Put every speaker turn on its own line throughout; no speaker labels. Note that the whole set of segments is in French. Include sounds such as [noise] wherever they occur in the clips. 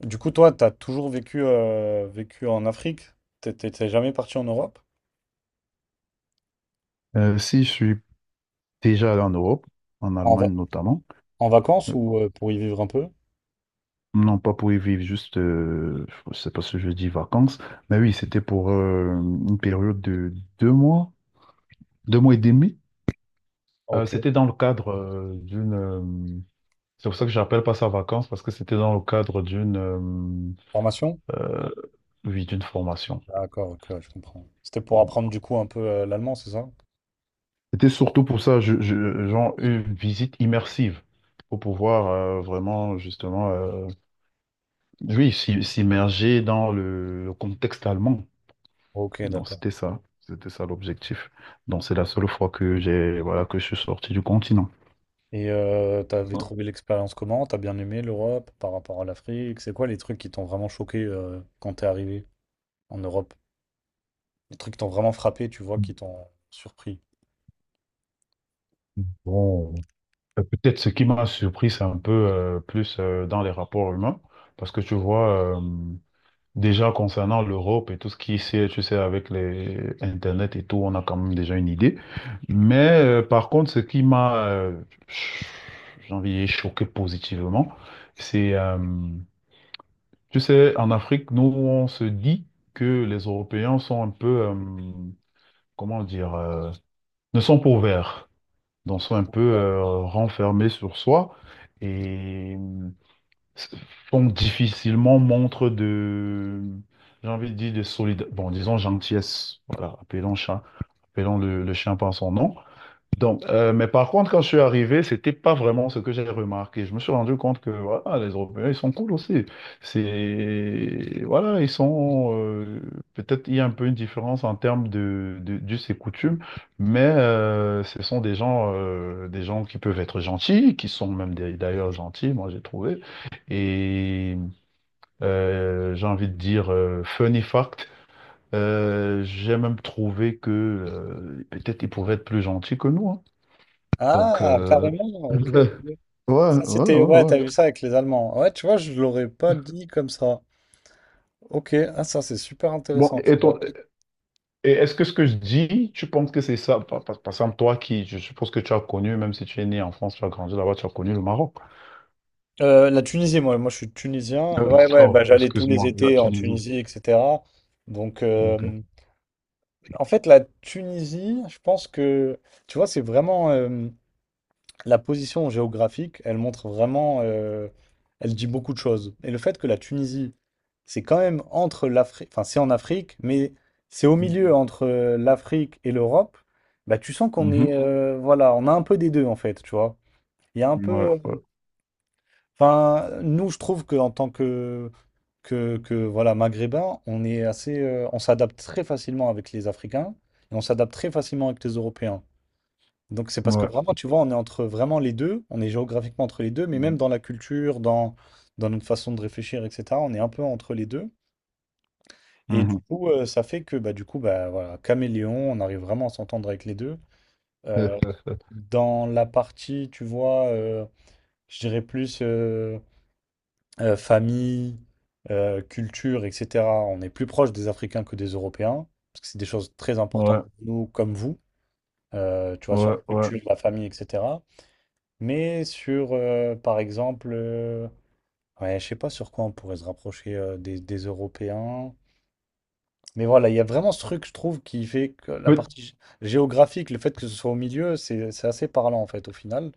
Du coup, toi, t'as toujours vécu, en Afrique? T'es jamais parti en Europe?
Si je suis déjà allé en Europe, en
En, va-
Allemagne notamment.
en vacances
euh,
ou pour y vivre un peu?
non pas pour y vivre juste, je sais pas si je dis vacances, mais oui, c'était pour une période de 2 mois, 2 mois et demi.
Ok.
C'était dans le cadre c'est pour ça que j'appelle pas ça vacances parce que c'était dans le cadre
Formation?
euh, oui, d'une formation.
D'accord, ok, ouais, je comprends. C'était pour apprendre du coup un peu l'allemand, c'est ça?
C'était surtout pour ça, genre une visite immersive pour pouvoir vraiment justement, oui, s'immerger dans le contexte allemand.
Ok,
Donc
d'accord.
c'était ça l'objectif. Donc c'est la seule fois que j'ai voilà que je suis sorti du continent.
Et t'avais trouvé l'expérience comment? T'as bien aimé l'Europe par rapport à l'Afrique? C'est quoi les trucs qui t'ont vraiment choqué quand t'es arrivé en Europe? Les trucs qui t'ont vraiment frappé, tu vois, qui t'ont surpris.
Bon, peut-être ce qui m'a surpris, c'est un peu plus dans les rapports humains, parce que tu vois, déjà concernant l'Europe et tout ce qui est, tu sais, avec les Internet et tout, on a quand même déjà une idée. Mais par contre, ce qui m'a, ch- j'ai envie de dire choqué positivement, c'est tu sais, en Afrique, nous, on se dit que les Européens sont un peu, comment dire, ne sont pas ouverts, donc sont un peu renfermés sur soi et font difficilement montre de, j'ai envie de dire, de solidarité, bon, disons gentillesse, voilà, appelons chat, appelons le chien par son nom. Donc, mais par contre, quand je suis arrivé, c'était pas vraiment ce que j'ai remarqué. Je me suis rendu compte que voilà, les Européens, ils sont cool aussi. C'est voilà, ils sont, peut-être il y a un peu une différence en termes de d'us et coutumes, mais ce sont des gens, des gens qui peuvent être gentils, qui sont d'ailleurs gentils, moi j'ai trouvé. Et j'ai envie de dire, funny fact. J'ai même trouvé que peut-être ils pouvaient être plus gentils que nous, hein. Donc,
Ah, carrément, ok,
ouais,
ok.
ouais, ouais,
Ça, c'était,
ouais,
ouais,
ouais.
t'as vu ça avec les Allemands. Ouais, tu vois, je l'aurais pas dit comme ça. Ok, ah, ça, c'est super
Bon,
intéressant, tu vois.
et est-ce que ce que je dis, tu penses que c'est ça? Par exemple, toi qui, je suppose que tu as connu, même si tu es né en France, tu as grandi là-bas, tu as connu le Maroc.
La Tunisie, moi, je suis tunisien. Ouais, ouais,
Oh,
bah, j'allais tous les
excuse-moi, la
étés en
Tunisie.
Tunisie, etc. Donc,
Ok,
en fait, la Tunisie, je pense que, tu vois, c'est vraiment, la position géographique, elle montre vraiment, elle dit beaucoup de choses. Et le fait que la Tunisie, c'est quand même entre l'Afrique, enfin c'est en Afrique, mais c'est au milieu entre l'Afrique et l'Europe, bah tu sens qu'on
mhm.
est, voilà, on a un peu des deux en fait, tu vois. Il y a un
Ouais,
peu,
ouais,
enfin nous je trouve que en tant que voilà maghrébin, on est assez, on s'adapte très facilement avec les Africains et on s'adapte très facilement avec les Européens. Donc c'est parce que
ouais.
vraiment, tu vois, on est entre vraiment les deux, on est géographiquement entre les deux, mais même
Mhm.
dans la culture, dans notre façon de réfléchir, etc., on est un peu entre les deux. Et du
Mhm.
coup, ça fait que bah, du coup, bah, voilà, caméléon, on arrive vraiment à s'entendre avec les deux. Euh,
[laughs]
Dans la partie, tu vois, je dirais plus famille, culture, etc., on est plus proche des Africains que des Européens, parce que c'est des choses très importantes
Ouais,
pour nous, comme vous, tu vois, sur
ouais,
la
ouais.
culture, la famille, etc. Mais sur, par exemple, ouais, je sais pas sur quoi on pourrait se rapprocher des Européens. Mais voilà, il y a vraiment ce truc, je trouve, qui fait que la
Peut-
partie géographique, le fait que ce soit au milieu, c'est assez parlant, en fait, au final.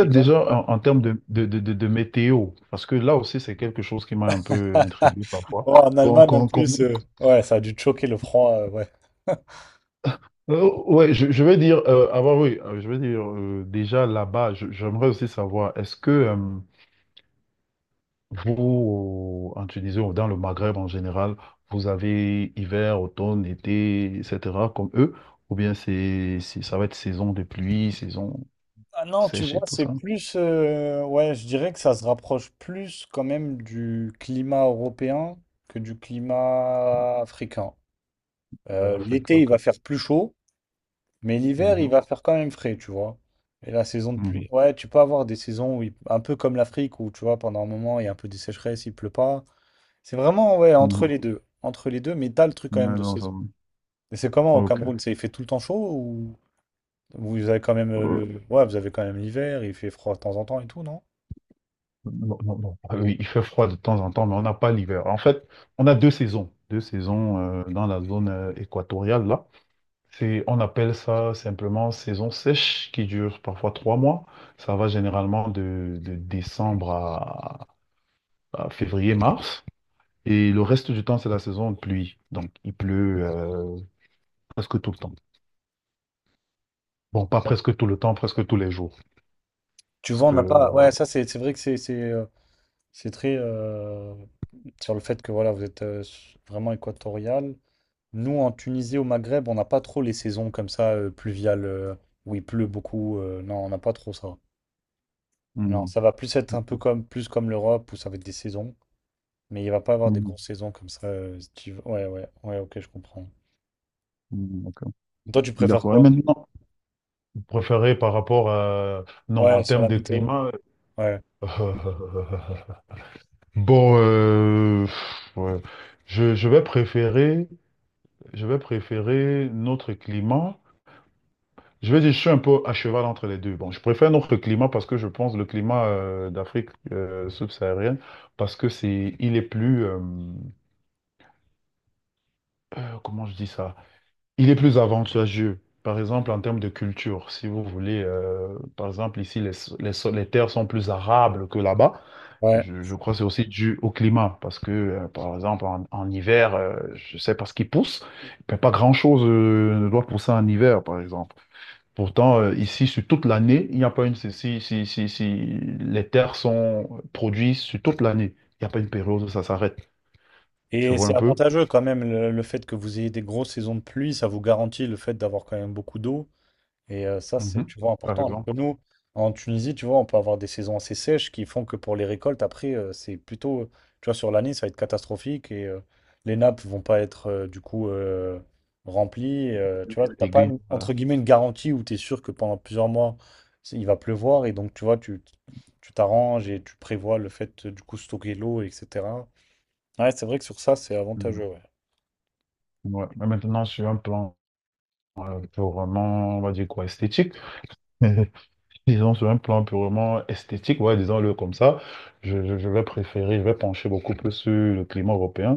Et toi?
déjà en termes de météo, parce que là aussi, c'est quelque chose qui m'a un peu
[laughs]
intrigué parfois.
Oh, en Allemagne, en plus, ouais, ça a dû te choquer le froid, ouais. [laughs]
Ouais, je veux dire, avant, oui, je veux dire, déjà là-bas, j'aimerais aussi savoir, est-ce que vous, en Tunisie ou dans le Maghreb en général, vous avez hiver, automne, été, etc., comme eux, ou bien ça va être saison de pluie, saison
Ah non, tu
sèche et
vois,
tout
c'est
ça,
plus, ouais, je dirais que ça se rapproche plus quand même du climat européen que du climat africain.
de l'Afrique,
L'été, il
ok.
va faire plus chaud. Mais l'hiver, il
Mhm,
va faire quand même frais, tu vois. Et la saison de pluie,
mhm,
ouais, tu peux avoir des saisons un peu comme l'Afrique, où tu vois, pendant un moment, il y a un peu des sécheresses, il pleut pas. C'est vraiment, ouais, entre
mhm.
les deux. Entre les deux, mais t'as le truc quand même
Ouais,
de saison. Et c'est comment au
ok.
Cameroun? C'est, il fait tout le temps chaud ou vous avez quand même
Euh,
le. Ouais, vous avez quand même l'hiver, il fait froid de temps en temps et tout, non?
non, non, non. Ah oui, il fait froid de temps en temps, mais on n'a pas l'hiver. En fait, on a deux saisons. Deux saisons dans la zone équatoriale, là. On appelle ça simplement saison sèche qui dure parfois 3 mois. Ça va généralement de décembre à février-mars. Et le reste du temps, c'est la saison de pluie. Donc, il pleut presque tout le temps. Bon, pas presque tout le temps, presque tous les jours.
Tu
Parce
vois, on
que...
n'a pas. Ouais, ça, c'est vrai que c'est très, sur le fait que, voilà, vous êtes vraiment équatorial. Nous, en Tunisie, au Maghreb, on n'a pas trop les saisons comme ça, pluviales, où il pleut beaucoup, non, on n'a pas trop ça. Non,
hmm,
ça va plus être un peu comme, plus comme l'Europe, où ça va être des saisons. Mais il va pas avoir des
hmm,
grosses saisons comme ça. Ouais, ouais, ouais, ok, je comprends.
hmm, d'accord.
Toi, tu préfères
D'accord. Et
quoi?
maintenant, préféré par rapport à... Non,
Ouais,
en
sur la
termes de
météo.
climat,
Ouais,
euh, [laughs] bon, pff, ouais. Je, je vais préférer, je vais préférer notre climat. Je vais dire, je suis un peu à cheval entre les deux. Bon, je préfère notre climat parce que je pense le climat d'Afrique subsaharienne, parce que il est plus, comment je dis ça? Il est plus avantageux. Par exemple, en termes de culture, si vous voulez, par exemple, ici, les terres sont plus arables que là-bas.
ouais.
Je crois que c'est aussi dû au climat, parce que, par exemple, en hiver, je sais pas ce qui pousse, mais pas grand-chose ne doit pousser en hiver, par exemple. Pourtant, ici, sur toute l'année, il n'y a pas une... Si les terres sont produites sur toute l'année, il n'y a pas une période où ça s'arrête. Tu
Et
vois un
c'est
peu?
avantageux quand même, le fait que vous ayez des grosses saisons de pluie, ça vous garantit le fait d'avoir quand même beaucoup d'eau. Et ça, c'est,
Mhm.
tu vois,
Par
important. Alors
exemple,
que nous, en Tunisie, tu vois, on peut avoir des saisons assez sèches qui font que pour les récoltes, après, c'est plutôt, tu vois, sur l'année, ça va être catastrophique et les nappes vont pas être, du coup, remplies. Et, tu vois, t'as pas,
aiguille. Voilà.
entre guillemets, une garantie où tu es sûr que pendant plusieurs mois, il va pleuvoir et donc, tu vois, tu t'arranges et tu prévois le fait, de, du coup, stocker l'eau, etc. Ouais, c'est vrai que sur ça, c'est
Mhm.
avantageux, ouais.
Ouais. Mais maintenant, sur un plan purement, on va dire quoi, esthétique. [laughs] Disons, sur un plan purement esthétique, ouais, disons-le comme ça, je vais préférer, je vais pencher beaucoup plus sur le climat européen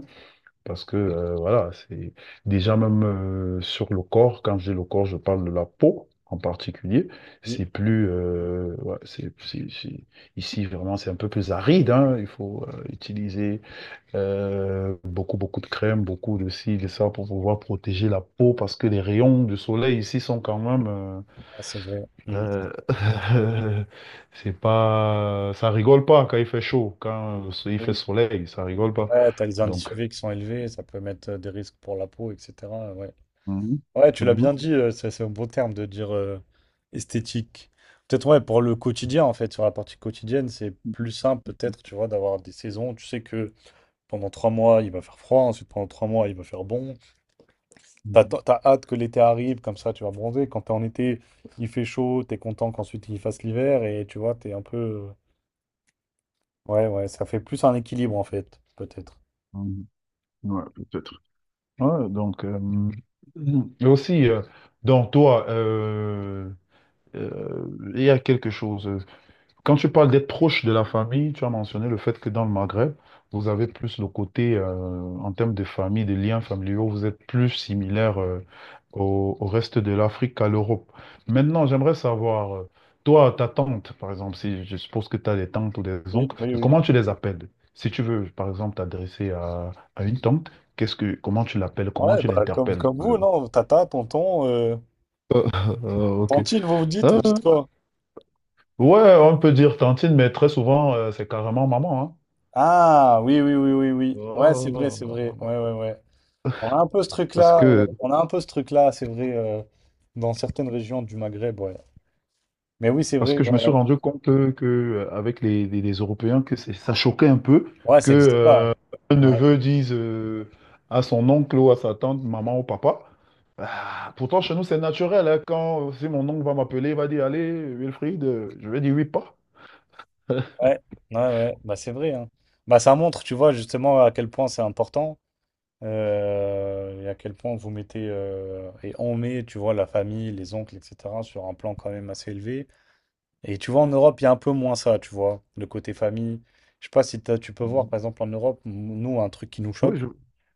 parce que, voilà, c'est déjà même sur le corps, quand je dis le corps, je parle de la peau en particulier,
Oui,
c'est plus, ouais, ici vraiment c'est un peu plus aride, hein, il faut utiliser beaucoup, beaucoup de crème, beaucoup de ci, de ça pour pouvoir protéger la peau parce que les rayons du soleil ici sont quand même...
ouais, c'est vrai. Mm.
euh, [laughs] c'est pas, ça rigole pas quand il fait chaud, quand il fait
Oui,
soleil, ça rigole pas.
ouais, t'as les indices
Donc,
UV qui sont élevés, ça peut mettre des risques pour la peau, etc. Ouais,
mhm.
ouais, tu l'as bien
Mhm.
dit, c'est un beau terme de dire esthétique. Peut-être, ouais, pour le quotidien, en fait, sur la partie quotidienne, c'est plus simple, peut-être, tu vois, d'avoir des saisons. Tu sais que pendant 3 mois, il va faire froid, ensuite pendant 3 mois, il va faire bon. T'as hâte que l'été arrive, comme ça tu vas bronzer. Quand t'es en été, il fait chaud, t'es content qu'ensuite il fasse l'hiver et tu vois, t'es un peu. Ouais, ouais, ça fait plus un équilibre en fait, peut-être.
Mhm. Ouais, peut-être. Ouais, donc, et aussi, donc toi, il y a quelque chose. Quand tu parles d'être proche de la famille, tu as mentionné le fait que dans le Maghreb, vous avez plus le côté, en termes de famille, de liens familiaux, vous êtes plus similaire, au reste de l'Afrique qu'à l'Europe. Maintenant, j'aimerais savoir, toi, ta tante, par exemple, si je suppose que tu as des tantes ou des
Oui,
oncles,
oui,
mais
oui.
comment tu les appelles? Si tu veux, par exemple, t'adresser à une tante, comment tu l'appelles, comment
Ouais,
tu
bah comme,
l'interpelles?
comme vous, non? Tata, tonton.
Ok.
Tantine, vous vous dites
Ah,
quoi?
ouais, on peut dire tantine, mais très souvent, c'est carrément maman,
Ah, oui, oui, oui, oui, oui. Ouais, c'est vrai, c'est vrai.
hein.
Ouais, ouais, ouais. On a un peu ce
Parce
truc-là,
que,
on a un peu ce truc-là, c'est vrai, dans certaines régions du Maghreb, ouais. Mais oui, c'est
parce
vrai,
que je me
ouais,
suis
ouais.
rendu compte avec les Européens, que ça choquait un peu
Ouais,
que
ça n'existe pas.
un
Ouais.
neveu dise, à son oncle ou à sa tante, maman ou papa. Ah, pourtant, chez nous, c'est naturel, hein. quand si mon oncle va m'appeler, il va dire, allez, Wilfried, je vais dire oui, pas.
Ouais, ouais, ouais, bah c'est vrai, hein. Bah ça montre, tu vois, justement à quel point c'est important, et à quel point vous mettez, et on met, tu vois, la famille, les oncles, etc., sur un plan quand même assez élevé. Et tu vois, en Europe, il y a un peu moins ça, tu vois, le côté famille. Je sais pas si tu peux voir,
Mhm.
par exemple, en Europe, nous, un truc qui nous
Oui,
choque,
je...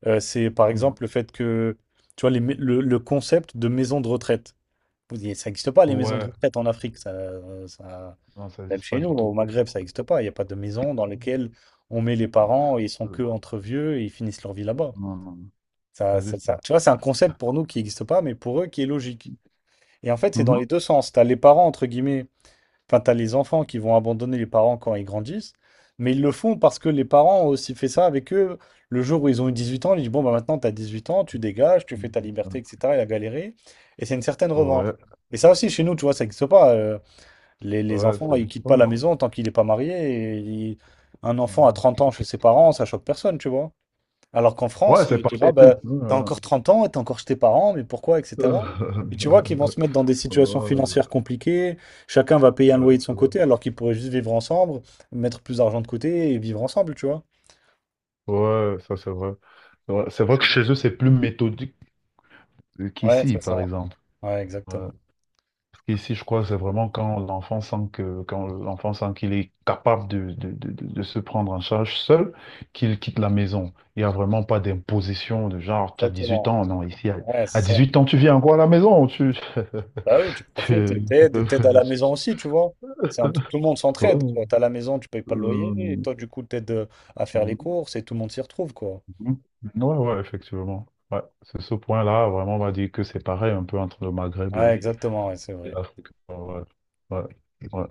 c'est par
Mhm.
exemple le fait que, tu vois, le concept de maison de retraite. Ça n'existe pas, les maisons de
Ouais,
retraite en Afrique, ça-
non, ça
même
n'existe
chez
pas
nous,
du
au
tout.
Maghreb, ça n'existe pas. Il n'y a pas de maison dans
Mhm.
laquelle on met les parents et ils sont que
Euh,
entre vieux et ils finissent leur vie là-bas.
non, non, non, ça n'existe pas.
Tu vois, c'est un concept pour nous qui n'existe pas, mais pour eux qui est logique. Et en fait, c'est dans
Mhm.
les deux sens. Tu as les parents, entre guillemets, enfin, tu as les enfants qui vont abandonner les parents quand ils grandissent, mais ils le font parce que les parents ont aussi fait ça avec eux. Le jour où ils ont eu 18 ans, ils disent, bon, bah, maintenant, tu as 18 ans, tu dégages, tu fais ta liberté,
Mhm.
etc. Il a galéré. Et c'est une certaine revanche.
Ouais,
Et ça aussi, chez nous, tu vois, ça n'existe pas. Les
ouais,
enfants,
ça
ils
n'existe
quittent
pas.
pas la maison tant qu'il n'est pas marié. et il- Un enfant à
Euh,
30 ans chez ses parents, ça choque personne, tu vois. Alors qu'en
Ouais,
France,
c'est
tu vois,
pareil, tu sais.
bah, t'as encore 30 ans et t'es encore chez tes parents, mais pourquoi, etc. Et tu vois qu'ils vont
Euh,
se
[laughs]
mettre dans des situations
Ouais,
financières compliquées. Chacun va payer un
ouais,
loyer de
c'est
son
vrai.
côté, alors qu'ils pourraient juste vivre ensemble, mettre plus d'argent de côté et vivre ensemble, tu vois.
Ouais, ça c'est vrai. C'est vrai que chez eux, c'est plus méthodique
Ouais,
qu'ici,
c'est ça.
par exemple.
Ouais,
Ouais.
exactement.
Parce qu'ici, je crois, c'est vraiment quand l'enfant sent quand l'enfant sent qu'il est capable de se prendre en charge seul, qu'il quitte la maison. Il n'y a vraiment pas d'imposition de genre, tu as dix huit
Exactement.
ans. Non, ici,
Ouais,
à
c'est ça.
8 ans, tu viens encore à la maison. Tu...
Bah oui, tu
[laughs]
profites
tu-
et t'aides à la
[laughs]
maison aussi, tu vois. Tout le monde s'entraide,
Ouais.
quoi. T'as la maison, tu payes pas le loyer, et
Euh,
toi, du coup, t'aides à faire les courses et tout le monde s'y retrouve, quoi.
mm. Ouais, ouais, effectivement. Ouais, c'est ce point-là, vraiment, on va dire que c'est pareil un peu entre le Maghreb
Ouais, exactement, ouais, c'est
et
vrai.
l'Afrique. Ouais, ouais, ouais.